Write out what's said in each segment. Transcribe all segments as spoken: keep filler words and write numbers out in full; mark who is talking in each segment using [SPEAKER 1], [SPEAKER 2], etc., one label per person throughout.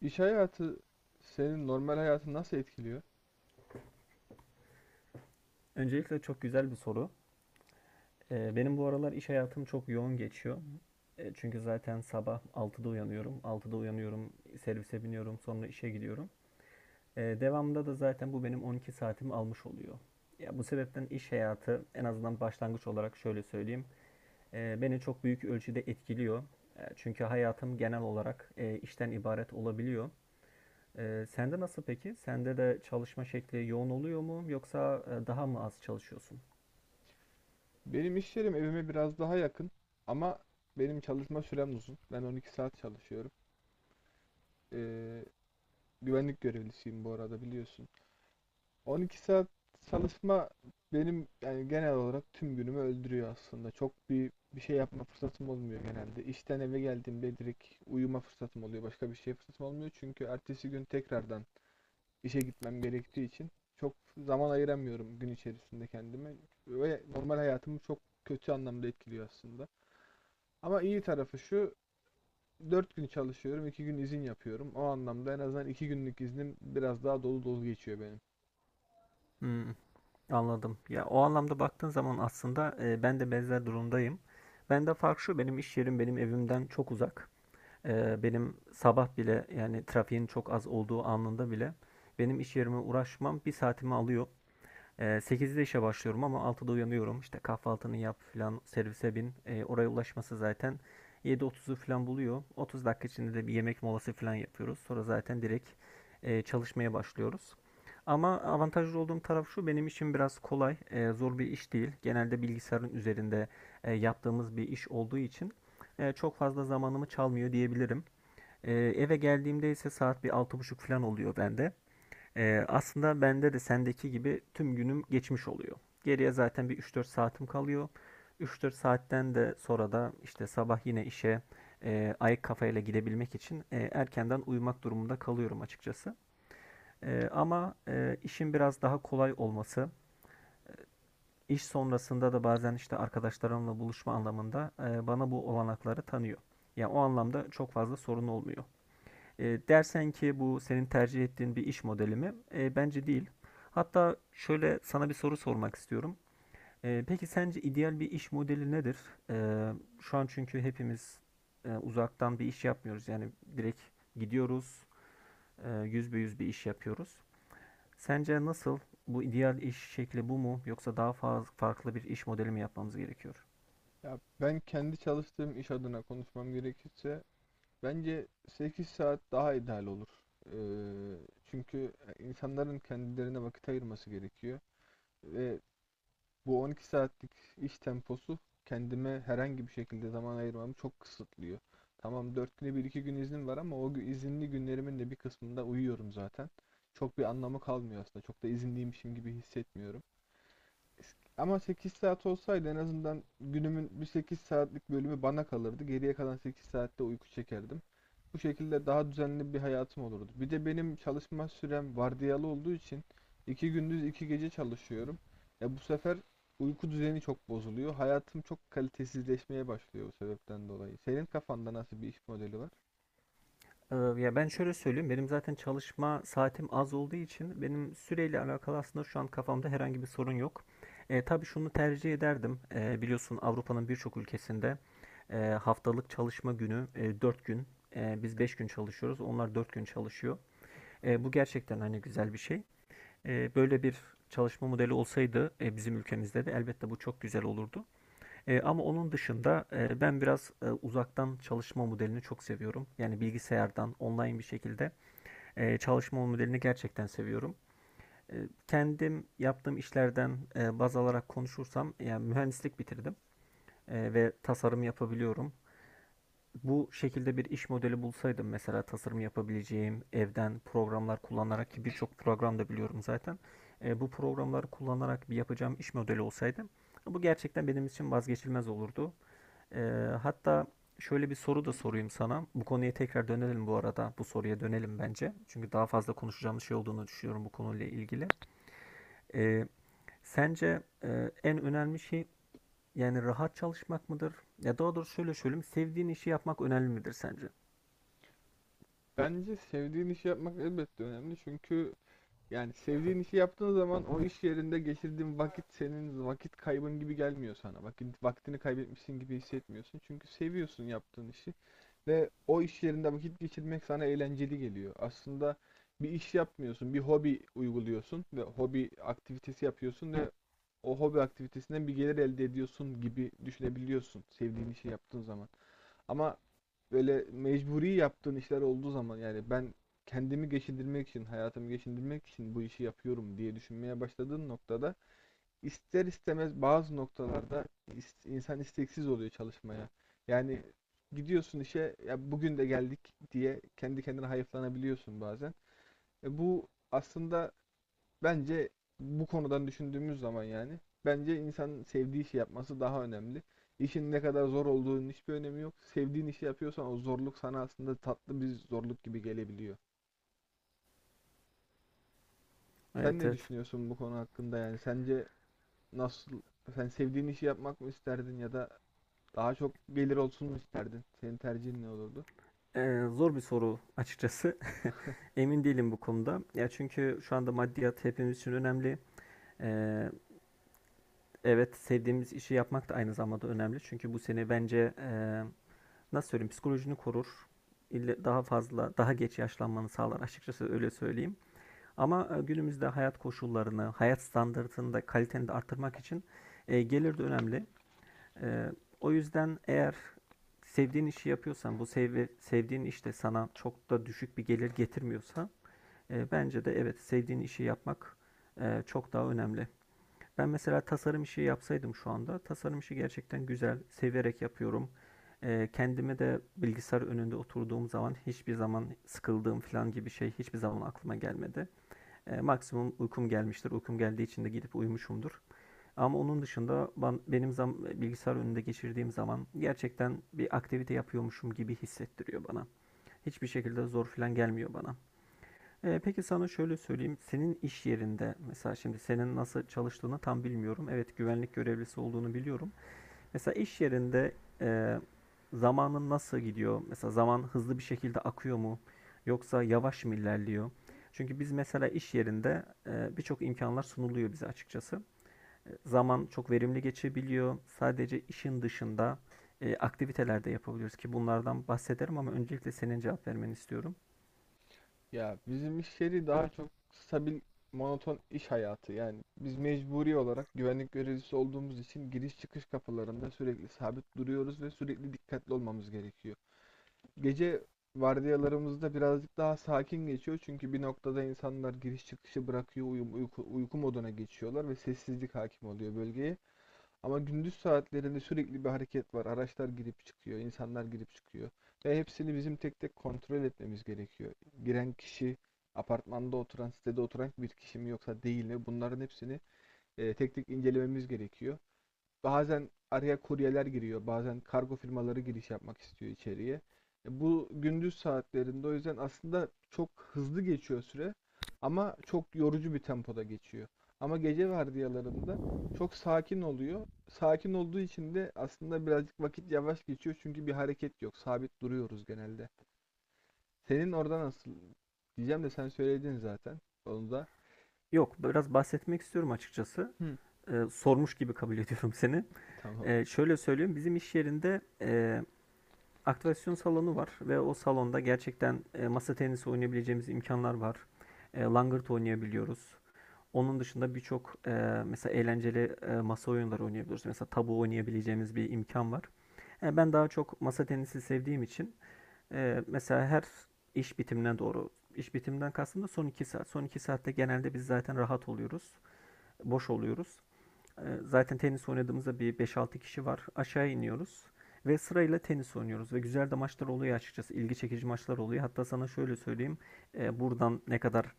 [SPEAKER 1] İş hayatı senin normal hayatını nasıl etkiliyor?
[SPEAKER 2] Öncelikle çok güzel bir soru. Ee, benim bu aralar iş hayatım çok yoğun geçiyor. E, çünkü zaten sabah altıda uyanıyorum. altıda uyanıyorum, servise biniyorum, sonra işe gidiyorum. E, devamında da zaten bu benim on iki saatimi almış oluyor. Ya bu sebepten iş hayatı en azından başlangıç olarak şöyle söyleyeyim. e, beni çok büyük ölçüde etkiliyor. E, çünkü hayatım genel olarak e, işten ibaret olabiliyor. E, sende nasıl peki? Sende de çalışma şekli yoğun oluyor mu yoksa e, daha mı az çalışıyorsun?
[SPEAKER 1] Benim iş yerim evime biraz daha yakın ama benim çalışma sürem uzun. Ben on iki saat çalışıyorum. Ee, Güvenlik görevlisiyim bu arada biliyorsun. on iki saat çalışma benim yani genel olarak tüm günümü öldürüyor aslında. Çok bir bir şey yapma fırsatım olmuyor genelde. İşten eve geldiğimde direkt uyuma fırsatım oluyor. Başka bir şey fırsatım olmuyor çünkü ertesi gün tekrardan işe gitmem gerektiği için çok zaman ayıramıyorum gün içerisinde kendime ve normal hayatımı çok kötü anlamda etkiliyor aslında. Ama iyi tarafı şu, dört gün çalışıyorum, iki gün izin yapıyorum. O anlamda en azından iki günlük iznim biraz daha dolu dolu geçiyor benim.
[SPEAKER 2] Hmm. Anladım. Ya o anlamda baktığın zaman aslında e, ben de benzer durumdayım. Ben de fark şu benim iş yerim benim evimden çok uzak. E, benim sabah bile yani trafiğin çok az olduğu anında bile benim iş yerime uğraşmam bir saatimi alıyor. Ee, sekizde işe başlıyorum ama altıda uyanıyorum. İşte kahvaltını yap filan servise bin. Ee, oraya ulaşması zaten yedi otuzu falan buluyor. otuz dakika içinde de bir yemek molası falan yapıyoruz. Sonra zaten direkt e, çalışmaya başlıyoruz. Ama avantajlı olduğum taraf şu benim için biraz kolay, e, zor bir iş değil. Genelde bilgisayarın üzerinde e, yaptığımız bir iş olduğu için e, çok fazla zamanımı çalmıyor diyebilirim. E, eve geldiğimde ise saat bir altı buçuk falan oluyor bende. Ee, aslında bende de sendeki gibi tüm günüm geçmiş oluyor. Geriye zaten bir üç dört saatim kalıyor. Üç dört saatten de sonra da işte sabah yine işe e, ayık kafayla gidebilmek için e, erkenden uyumak durumunda kalıyorum açıkçası. E, ama e, işin biraz daha kolay olması, iş sonrasında da bazen işte arkadaşlarımla buluşma anlamında e, bana bu olanakları tanıyor. Yani o anlamda çok fazla sorun olmuyor. E, dersen ki bu senin tercih ettiğin bir iş modeli mi? E, bence değil. Hatta şöyle sana bir soru sormak istiyorum. E, peki sence ideal bir iş modeli nedir? E, şu an çünkü hepimiz e, uzaktan bir iş yapmıyoruz. Yani direkt gidiyoruz, e, yüz be yüz bir iş yapıyoruz. Sence nasıl? Bu ideal iş şekli bu mu? Yoksa daha fazla farklı bir iş modeli mi yapmamız gerekiyor?
[SPEAKER 1] Ya ben kendi çalıştığım iş adına konuşmam gerekirse bence sekiz saat daha ideal olur. Ee, Çünkü insanların kendilerine vakit ayırması gerekiyor ve bu on iki saatlik iş temposu kendime herhangi bir şekilde zaman ayırmamı çok kısıtlıyor. Tamam, dört güne bir iki gün iznim var ama o gü- izinli günlerimin de bir kısmında uyuyorum zaten. Çok bir anlamı kalmıyor aslında. Çok da izinliymişim gibi hissetmiyorum. Ama sekiz saat olsaydı en azından günümün bir sekiz saatlik bölümü bana kalırdı. Geriye kalan sekiz saatte uyku çekerdim. Bu şekilde daha düzenli bir hayatım olurdu. Bir de benim çalışma sürem vardiyalı olduğu için iki gündüz iki gece çalışıyorum. E, bu sefer uyku düzeni çok bozuluyor. Hayatım çok kalitesizleşmeye başlıyor bu sebepten dolayı. Senin kafanda nasıl bir iş modeli var?
[SPEAKER 2] Ee, Ya ben şöyle söyleyeyim. Benim zaten çalışma saatim az olduğu için benim süreyle alakalı aslında şu an kafamda herhangi bir sorun yok. E, tabii şunu tercih ederdim. E, biliyorsun Avrupa'nın birçok ülkesinde e, haftalık çalışma günü e, dört gün. E, biz beş gün çalışıyoruz. Onlar dört gün çalışıyor. E, bu gerçekten hani güzel bir şey. E, böyle bir çalışma modeli olsaydı e, bizim ülkemizde de elbette bu çok güzel olurdu. E, ama onun dışında e, ben biraz e, uzaktan çalışma modelini çok seviyorum. Yani bilgisayardan online bir şekilde e, çalışma modelini gerçekten seviyorum. E, kendim yaptığım işlerden e, baz alarak konuşursam, yani mühendislik bitirdim e, ve tasarım yapabiliyorum. Bu şekilde bir iş modeli bulsaydım mesela tasarım yapabileceğim evden programlar kullanarak ki birçok program da biliyorum zaten. E, bu programları kullanarak bir yapacağım iş modeli olsaydı bu gerçekten benim için vazgeçilmez olurdu. Ee, hatta şöyle bir soru da sorayım sana. Bu konuya tekrar dönelim bu arada. Bu soruya dönelim bence. Çünkü daha fazla konuşacağımız şey olduğunu düşünüyorum bu konuyla ilgili. Ee, sence e, en önemli şey yani rahat çalışmak mıdır? Ya daha doğrusu şöyle söyleyeyim. Sevdiğin işi yapmak önemli midir sence?
[SPEAKER 1] Bence sevdiğin işi yapmak elbette önemli, çünkü yani sevdiğin işi yaptığın zaman o iş yerinde geçirdiğin vakit senin vakit kaybın gibi gelmiyor sana. Vakit, vaktini kaybetmişsin gibi hissetmiyorsun. Çünkü seviyorsun yaptığın işi ve o iş yerinde vakit geçirmek sana eğlenceli geliyor. Aslında bir iş yapmıyorsun, bir hobi uyguluyorsun ve hobi aktivitesi yapıyorsun ve o hobi aktivitesinden bir gelir elde ediyorsun gibi düşünebiliyorsun sevdiğin işi yaptığın zaman. Ama böyle mecburi yaptığın işler olduğu zaman, yani ben kendimi geçindirmek için, hayatımı geçindirmek için bu işi yapıyorum diye düşünmeye başladığın noktada ister istemez bazı noktalarda is- insan isteksiz oluyor çalışmaya. Yani gidiyorsun işe, ya bugün de geldik diye kendi kendine hayıflanabiliyorsun bazen. E, bu aslında bence bu konudan düşündüğümüz zaman yani bence insanın sevdiği işi yapması daha önemli. İşin ne kadar zor olduğunun hiçbir önemi yok. Sevdiğin işi yapıyorsan o zorluk sana aslında tatlı bir zorluk gibi gelebiliyor. Sen
[SPEAKER 2] Evet,
[SPEAKER 1] ne
[SPEAKER 2] evet.
[SPEAKER 1] düşünüyorsun bu konu hakkında yani? Sence nasıl, sen sevdiğin işi yapmak mı isterdin ya da daha çok gelir olsun mu isterdin? Senin tercihin ne olurdu?
[SPEAKER 2] Ee, zor bir soru açıkçası. Emin değilim bu konuda. Ya çünkü şu anda maddiyat hepimiz için önemli. Ee, evet sevdiğimiz işi yapmak da aynı zamanda önemli. Çünkü bu seni bence e, nasıl söyleyeyim psikolojini korur. Daha fazla, daha geç yaşlanmanı sağlar. Açıkçası öyle söyleyeyim. Ama e, günümüzde hayat koşullarını, hayat standartını da kaliteni de arttırmak için e, gelir de önemli. E, o yüzden eğer sevdiğin işi yapıyorsan, bu sev sevdiğin iş de sana çok da düşük bir gelir getirmiyorsa, e, bence de evet sevdiğin işi yapmak e, çok daha önemli. Ben mesela tasarım işi yapsaydım şu anda, tasarım işi gerçekten güzel, severek yapıyorum. Ee, kendime de bilgisayar önünde oturduğum zaman hiçbir zaman sıkıldığım falan gibi şey hiçbir zaman aklıma gelmedi. Ee, maksimum uykum gelmiştir. Uykum geldiği için de gidip uyumuşumdur. Ama onun dışında ben, benim zam, bilgisayar önünde geçirdiğim zaman gerçekten bir aktivite yapıyormuşum gibi hissettiriyor bana. Hiçbir şekilde zor falan gelmiyor bana. Eee, peki sana şöyle söyleyeyim. Senin iş yerinde mesela şimdi senin nasıl çalıştığını tam bilmiyorum. Evet, güvenlik görevlisi olduğunu biliyorum. Mesela iş yerinde eee, zamanın nasıl gidiyor? Mesela zaman hızlı bir şekilde akıyor mu? Yoksa yavaş mı ilerliyor? Çünkü biz mesela iş yerinde eee, birçok imkanlar sunuluyor bize açıkçası. E, zaman çok verimli geçebiliyor. Sadece işin dışında eee, aktiviteler de yapabiliyoruz ki bunlardan bahsederim ama öncelikle senin cevap vermeni istiyorum.
[SPEAKER 1] Ya bizim iş yeri daha çok stabil, monoton iş hayatı. Yani biz mecburi olarak güvenlik görevlisi olduğumuz için giriş çıkış kapılarında sürekli sabit duruyoruz ve sürekli dikkatli olmamız gerekiyor. Gece vardiyalarımızda birazcık daha sakin geçiyor çünkü bir noktada insanlar giriş çıkışı bırakıyor, uyum, uyku, uyku moduna geçiyorlar ve sessizlik hakim oluyor bölgeye. Ama gündüz saatlerinde sürekli bir hareket var. Araçlar girip çıkıyor, insanlar girip çıkıyor. Ve hepsini bizim tek tek kontrol etmemiz gerekiyor. Giren kişi, apartmanda oturan, sitede oturan bir kişi mi yoksa değil mi? Bunların hepsini e, tek tek incelememiz gerekiyor. Bazen araya kuryeler giriyor, bazen kargo firmaları giriş yapmak istiyor içeriye. E, Bu gündüz saatlerinde o yüzden aslında çok hızlı geçiyor süre ama çok yorucu bir tempoda geçiyor. Ama gece vardiyalarında çok sakin oluyor. Sakin olduğu için de aslında birazcık vakit yavaş geçiyor çünkü bir hareket yok. Sabit duruyoruz genelde. Senin orada nasıl diyeceğim de sen söyledin zaten. Onu da.
[SPEAKER 2] Yok, biraz bahsetmek istiyorum açıkçası.
[SPEAKER 1] Hı,
[SPEAKER 2] e, sormuş gibi kabul ediyorum seni.
[SPEAKER 1] tamam.
[SPEAKER 2] E, şöyle söyleyeyim, bizim iş yerinde e, aktivasyon salonu var ve o salonda gerçekten e, masa tenisi oynayabileceğimiz imkanlar var. E, langırt oynayabiliyoruz. Onun dışında birçok e, mesela eğlenceli e, masa oyunları oynayabiliyoruz. Mesela tabu oynayabileceğimiz bir imkan var. E, ben daha çok masa tenisi sevdiğim için e, mesela her iş bitimine doğru, iş bitiminden kastım da son iki saat. Son iki saatte genelde biz zaten rahat oluyoruz, boş oluyoruz. Ee, Zaten tenis oynadığımızda bir beş altı kişi var. Aşağı iniyoruz ve sırayla tenis oynuyoruz ve güzel de maçlar oluyor açıkçası. İlgi çekici maçlar oluyor. Hatta sana şöyle söyleyeyim. e, Buradan ne kadar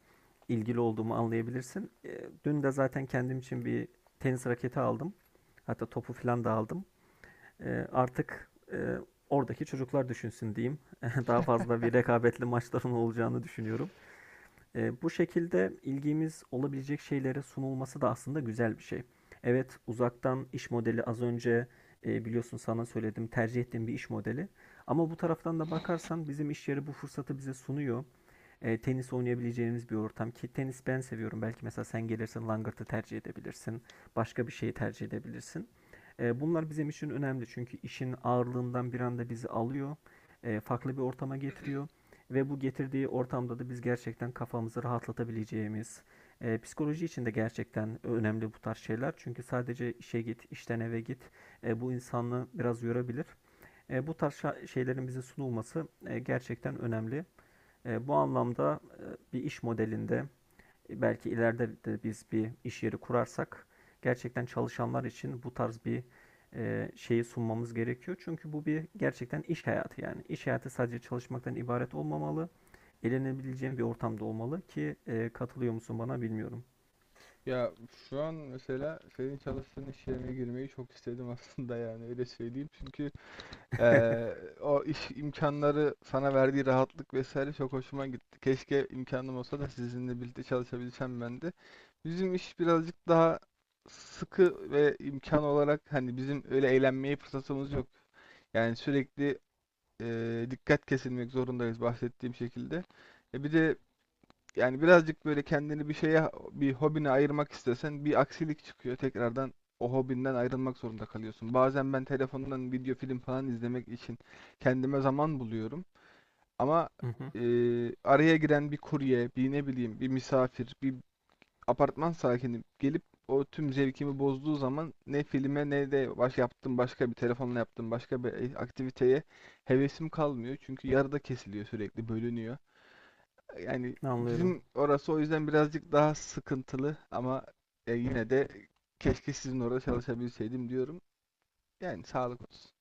[SPEAKER 2] ilgili olduğumu anlayabilirsin. E, Dün de zaten kendim için bir tenis raketi aldım. Hatta topu falan da aldım. E, Artık e, oradaki çocuklar düşünsün diyeyim. Daha fazla bir rekabetli maçların olacağını düşünüyorum. E, bu şekilde ilgimiz olabilecek şeylere sunulması da aslında güzel bir şey. Evet, uzaktan iş modeli az önce e, biliyorsun sana söyledim tercih ettiğim bir iş modeli. Ama bu taraftan da bakarsan bizim iş yeri bu fırsatı bize sunuyor e, tenis oynayabileceğimiz bir ortam ki tenis ben seviyorum. Belki mesela sen gelirsin langırtı tercih edebilirsin. Başka bir şeyi tercih edebilirsin. E, bunlar bizim için önemli çünkü işin ağırlığından bir anda bizi alıyor. e, farklı bir ortama getiriyor. Ve bu getirdiği ortamda da biz gerçekten kafamızı rahatlatabileceğimiz, e, psikoloji için de gerçekten önemli bu tarz şeyler. Çünkü sadece işe git, işten eve git e, bu insanı biraz yorabilir. E, bu tarz şeylerin bize sunulması e, gerçekten önemli. E, bu anlamda e, bir iş modelinde e, belki ileride de biz bir iş yeri kurarsak gerçekten çalışanlar için bu tarz bir e, şeyi sunmamız gerekiyor. Çünkü bu bir gerçekten iş hayatı yani. İş hayatı sadece çalışmaktan ibaret olmamalı. Eğlenebileceğin bir ortamda olmalı ki e, katılıyor musun bana bilmiyorum.
[SPEAKER 1] Ya şu an mesela senin çalıştığın iş yerine girmeyi çok istedim aslında, yani öyle söyleyeyim. Çünkü eee, o iş imkanları sana verdiği rahatlık vesaire çok hoşuma gitti. Keşke imkanım olsa da sizinle birlikte çalışabilsem ben de. Bizim iş birazcık daha sıkı ve imkan olarak hani bizim öyle eğlenmeye fırsatımız yok. Yani sürekli eee, dikkat kesilmek zorundayız bahsettiğim şekilde. E, bir de yani birazcık böyle kendini bir şeye, bir hobine ayırmak istesen bir aksilik çıkıyor. Tekrardan o hobinden ayrılmak zorunda kalıyorsun. Bazen ben telefondan video film falan izlemek için kendime zaman buluyorum. Ama e, araya giren bir kurye, bir ne bileyim, bir misafir, bir apartman sakini gelip o tüm zevkimi bozduğu zaman ne filme ne de baş yaptığım başka bir telefonla yaptığım başka bir e, aktiviteye hevesim kalmıyor. Çünkü yarıda kesiliyor sürekli, bölünüyor. Yani
[SPEAKER 2] Anlıyorum.
[SPEAKER 1] bizim orası o yüzden birazcık daha sıkıntılı ama e, yine de keşke sizin orada çalışabilseydim diyorum. Yani sağlık olsun.